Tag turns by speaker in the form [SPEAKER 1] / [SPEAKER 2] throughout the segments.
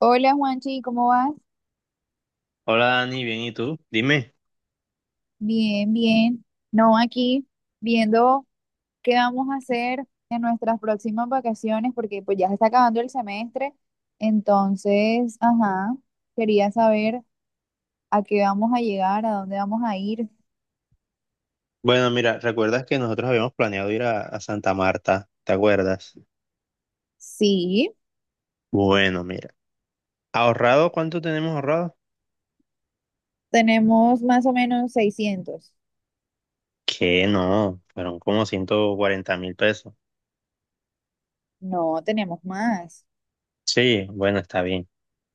[SPEAKER 1] Hola Juanchi, ¿cómo vas?
[SPEAKER 2] Hola Dani, bien, ¿y tú? Dime.
[SPEAKER 1] Bien, bien. No, aquí viendo qué vamos a hacer en nuestras próximas vacaciones, porque pues ya se está acabando el semestre. Entonces, ajá, quería saber a qué vamos a llegar, a dónde vamos a ir.
[SPEAKER 2] Bueno, mira, ¿recuerdas que nosotros habíamos planeado ir a Santa Marta? ¿Te acuerdas?
[SPEAKER 1] Sí,
[SPEAKER 2] Bueno, mira. ¿Ahorrado? ¿Cuánto tenemos ahorrado?
[SPEAKER 1] tenemos más o menos 600.
[SPEAKER 2] Que no, fueron como 140.000 pesos.
[SPEAKER 1] No, tenemos más.
[SPEAKER 2] Sí, bueno, está bien.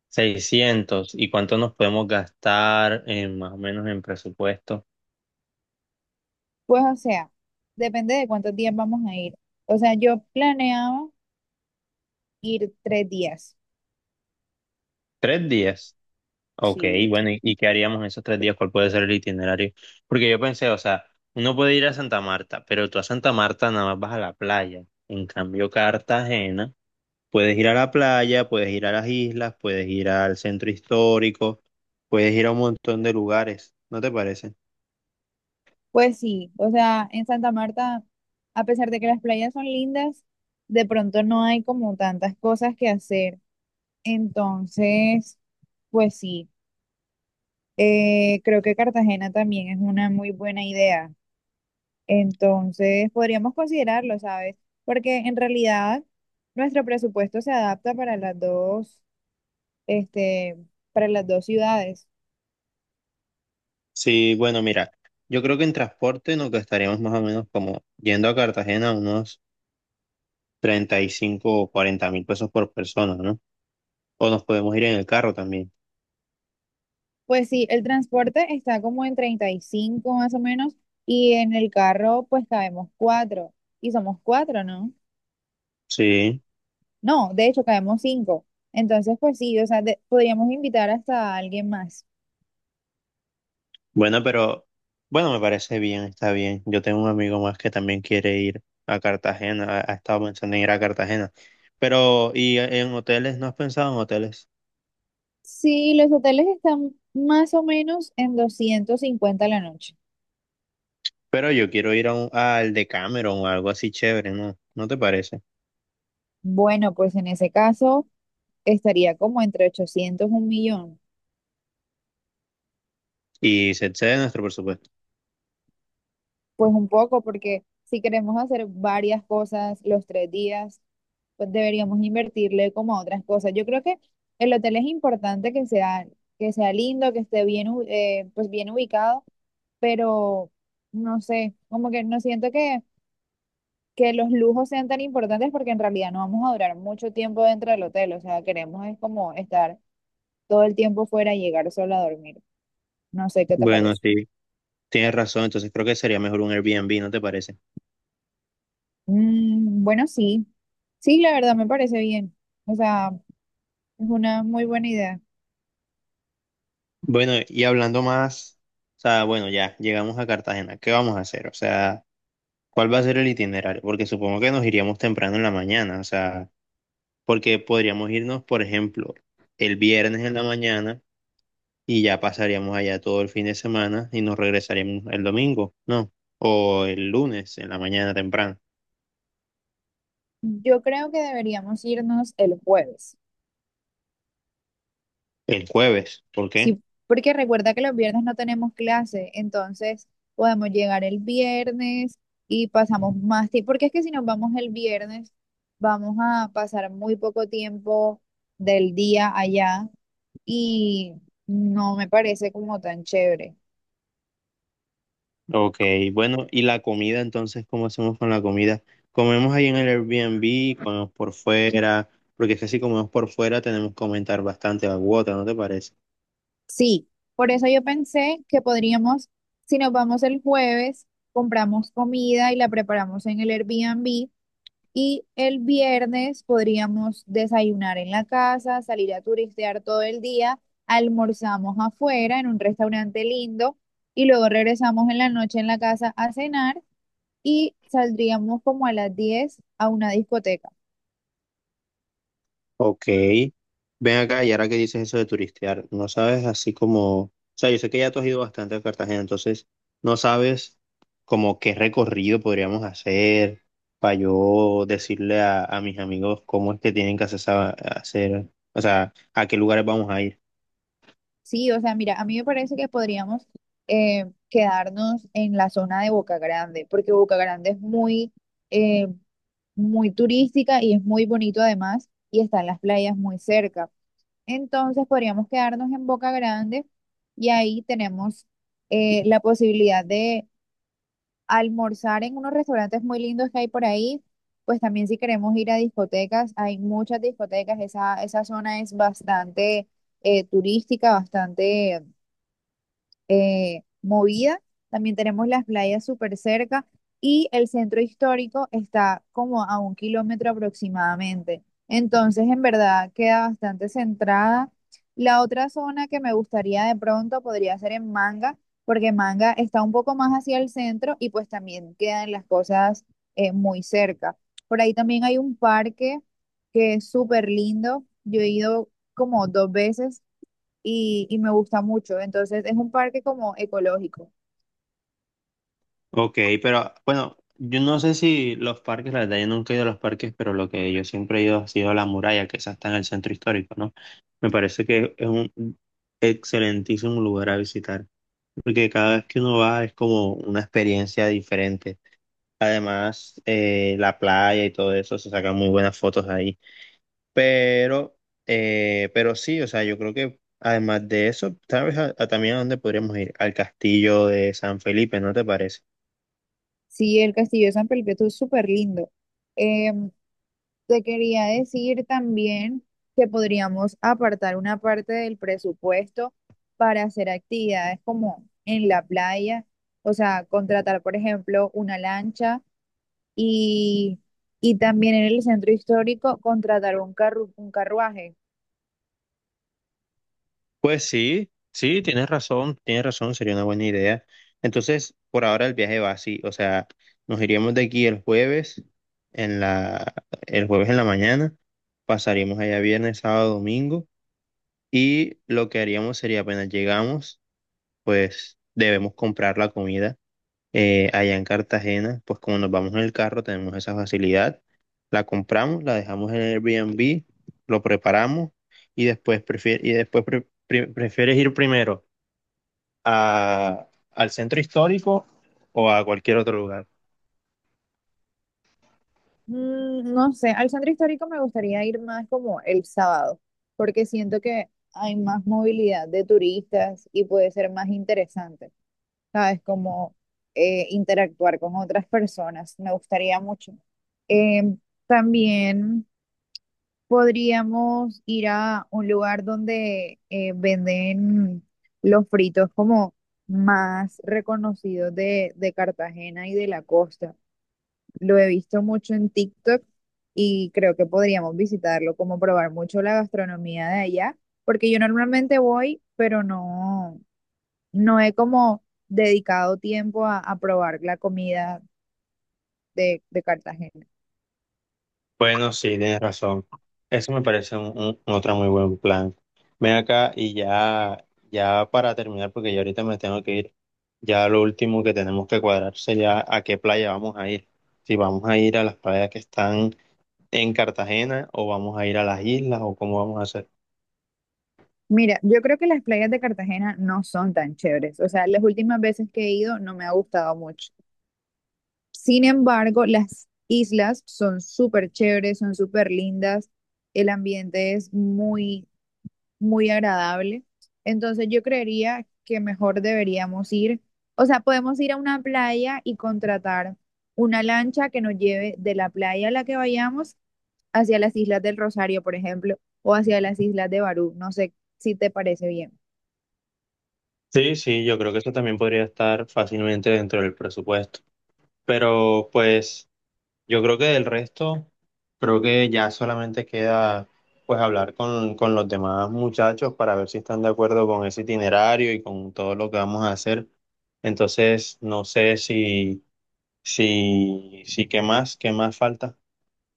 [SPEAKER 2] 600. ¿Y cuánto nos podemos gastar en, más o menos en presupuesto?
[SPEAKER 1] Pues o sea, depende de cuántos días vamos a ir. O sea, yo planeaba ir 3 días.
[SPEAKER 2] Tres días. Ok,
[SPEAKER 1] Sí.
[SPEAKER 2] bueno, ¿y qué haríamos en esos tres días? ¿Cuál puede ser el itinerario? Porque yo pensé, o sea, uno puede ir a Santa Marta, pero tú a Santa Marta nada más vas a la playa. En cambio, Cartagena, puedes ir a la playa, puedes ir a las islas, puedes ir al centro histórico, puedes ir a un montón de lugares, ¿no te parece?
[SPEAKER 1] Pues sí, o sea, en Santa Marta, a pesar de que las playas son lindas, de pronto no hay como tantas cosas que hacer. Entonces, pues sí, creo que Cartagena también es una muy buena idea. Entonces, podríamos considerarlo, ¿sabes? Porque en realidad nuestro presupuesto se adapta para las dos, este, para las dos ciudades.
[SPEAKER 2] Sí, bueno, mira, yo creo que en transporte nos gastaríamos más o menos como yendo a Cartagena unos 35.000 o 40.000 pesos por persona, ¿no? O nos podemos ir en el carro también.
[SPEAKER 1] Pues sí, el transporte está como en 35 más o menos y en el carro pues cabemos cuatro y somos cuatro, ¿no?
[SPEAKER 2] Sí.
[SPEAKER 1] No, de hecho cabemos cinco. Entonces pues sí, o sea, podríamos invitar hasta a alguien más.
[SPEAKER 2] Bueno, pero bueno, me parece bien, está bien. Yo tengo un amigo más que también quiere ir a Cartagena, ha estado pensando en ir a Cartagena. Pero, ¿y en hoteles? ¿No has pensado en hoteles?
[SPEAKER 1] Sí, los hoteles están más o menos en 250 la noche.
[SPEAKER 2] Pero yo quiero ir al Decameron o algo así chévere, ¿no? ¿No te parece?
[SPEAKER 1] Bueno, pues en ese caso estaría como entre 800 y 1 millón.
[SPEAKER 2] Y se excede nuestro presupuesto.
[SPEAKER 1] Pues un poco, porque si queremos hacer varias cosas los 3 días, pues deberíamos invertirle como a otras cosas. Yo creo que el hotel es importante que sea lindo, que esté bien, pues bien ubicado, pero no sé, como que no siento que los lujos sean tan importantes porque en realidad no vamos a durar mucho tiempo dentro del hotel. O sea, queremos es como estar todo el tiempo fuera y llegar solo a dormir. No sé qué te
[SPEAKER 2] Bueno,
[SPEAKER 1] parece.
[SPEAKER 2] sí, tienes razón, entonces creo que sería mejor un Airbnb, ¿no te parece?
[SPEAKER 1] Mm, bueno, sí. Sí, la verdad me parece bien. O sea, es una muy buena idea.
[SPEAKER 2] Bueno, y hablando más, o sea, bueno, ya llegamos a Cartagena, ¿qué vamos a hacer? O sea, ¿cuál va a ser el itinerario? Porque supongo que nos iríamos temprano en la mañana, o sea, porque podríamos irnos, por ejemplo, el viernes en la mañana y ya pasaríamos allá todo el fin de semana y nos regresaríamos el domingo, ¿no? O el lunes en la mañana temprano,
[SPEAKER 1] Yo creo que deberíamos irnos el jueves.
[SPEAKER 2] el jueves, ¿por qué?
[SPEAKER 1] Sí, porque recuerda que los viernes no tenemos clase, entonces podemos llegar el viernes y pasamos más tiempo, porque es que si nos vamos el viernes, vamos a pasar muy poco tiempo del día allá y no me parece como tan chévere.
[SPEAKER 2] Ok, bueno, y la comida, entonces, ¿cómo hacemos con la comida? Comemos ahí en el Airbnb, comemos por fuera, porque es que si comemos por fuera tenemos que aumentar bastante la cuota, ¿no te parece?
[SPEAKER 1] Sí, por eso yo pensé que podríamos, si nos vamos el jueves, compramos comida y la preparamos en el Airbnb. Y el viernes podríamos desayunar en la casa, salir a turistear todo el día, almorzamos afuera en un restaurante lindo y luego regresamos en la noche en la casa a cenar y saldríamos como a las 10 a una discoteca.
[SPEAKER 2] Ok, ven acá y ahora que dices eso de turistear, no sabes así como, o sea, yo sé que ya tú has ido bastante a Cartagena, entonces no sabes como qué recorrido podríamos hacer para yo decirle a mis amigos cómo es que tienen que hacer, hacer, o sea, a qué lugares vamos a ir.
[SPEAKER 1] Sí, o sea, mira, a mí me parece que podríamos quedarnos en la zona de Boca Grande, porque Boca Grande es eh, muy turística y es muy bonito además y están las playas muy cerca. Entonces podríamos quedarnos en Boca Grande y ahí tenemos la posibilidad de almorzar en unos restaurantes muy lindos que hay por ahí. Pues también si queremos ir a discotecas, hay muchas discotecas, esa zona es bastante turística, bastante movida. También tenemos las playas súper cerca y el centro histórico está como a 1 kilómetro aproximadamente. Entonces, en verdad, queda bastante centrada. La otra zona que me gustaría de pronto podría ser en Manga, porque Manga está un poco más hacia el centro y pues también quedan las cosas muy cerca. Por ahí también hay un parque que es súper lindo. Yo he ido como dos veces y me gusta mucho. Entonces es un parque como ecológico.
[SPEAKER 2] Ok, pero bueno, yo no sé si los parques, la verdad yo nunca he ido a los parques, pero lo que yo siempre he ido ha sido a la muralla, que esa está en el centro histórico, ¿no? Me parece que es un excelentísimo lugar a visitar, porque cada vez que uno va es como una experiencia diferente. Además, la playa y todo eso, se sacan muy buenas fotos ahí. Pero, pero sí, o sea, yo creo que además de eso, tal vez a también a dónde podríamos ir, al castillo de San Felipe, ¿no te parece?
[SPEAKER 1] Sí, el Castillo de San Perpetuo es súper lindo. Em, Te quería decir también que podríamos apartar una parte del presupuesto para hacer actividades como en la playa, o sea, contratar, por ejemplo, una lancha y, y también en el centro histórico contratar un carruaje.
[SPEAKER 2] Pues sí, sí, tienes razón, sería una buena idea. Entonces, por ahora el viaje va así, o sea, nos iríamos de aquí el jueves en la, el jueves en la mañana, pasaríamos allá viernes, sábado, domingo. Y lo que haríamos sería apenas llegamos, pues debemos comprar la comida allá en Cartagena, pues como nos vamos en el carro tenemos esa facilidad, la compramos, la dejamos en el Airbnb, lo preparamos y después, prefieres ir primero al centro histórico o a cualquier otro lugar.
[SPEAKER 1] No sé, al centro histórico me gustaría ir más como el sábado, porque siento que hay más movilidad de turistas y puede ser más interesante, ¿sabes? Como interactuar con otras personas, me gustaría mucho. Eh, También podríamos ir a un lugar donde venden los fritos como más reconocidos de Cartagena y de la costa. Lo he visto mucho en TikTok y creo que podríamos visitarlo, como probar mucho la gastronomía de allá, porque yo normalmente voy, pero no, no he como dedicado tiempo a probar la comida de Cartagena.
[SPEAKER 2] Bueno, sí, tienes razón. Eso me parece otro muy buen plan. Ven acá y ya, ya para terminar, porque ya ahorita me tengo que ir. Ya lo último que tenemos que cuadrar sería a qué playa vamos a ir. Si vamos a ir a las playas que están en Cartagena o vamos a ir a las islas o cómo vamos a hacer.
[SPEAKER 1] Mira, yo creo que las playas de Cartagena no son tan chéveres, o sea, las últimas veces que he ido no me ha gustado mucho. Sin embargo, las islas son súper chéveres, son súper lindas, el ambiente es muy muy agradable. Entonces yo creería que mejor deberíamos ir, o sea, podemos ir a una playa y contratar una lancha que nos lleve de la playa a la que vayamos hacia las Islas del Rosario, por ejemplo, o hacia las Islas de Barú. No sé si te parece bien.
[SPEAKER 2] Sí, sí, yo creo que eso también podría estar fácilmente dentro del presupuesto. Pero pues yo creo que del resto, creo que ya solamente queda pues hablar con los demás muchachos para ver si están de acuerdo con ese itinerario y con todo lo que vamos a hacer. Entonces, no sé si... Sí, sí, ¿qué más? ¿Qué más falta?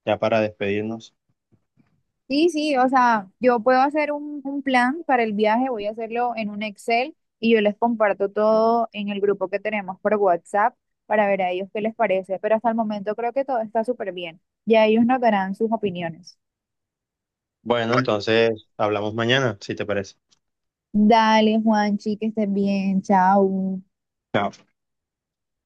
[SPEAKER 2] Ya para despedirnos.
[SPEAKER 1] Sí, sí, o sea, yo puedo hacer un plan para el viaje, voy a hacerlo en un Excel y yo les comparto todo en el grupo que tenemos por WhatsApp para ver a ellos qué les parece, pero hasta el momento creo que todo está súper bien. Ya ellos nos darán sus opiniones.
[SPEAKER 2] Bueno, entonces hablamos mañana, si te parece.
[SPEAKER 1] Dale, Juanchi, que estés bien, chao.
[SPEAKER 2] Chao.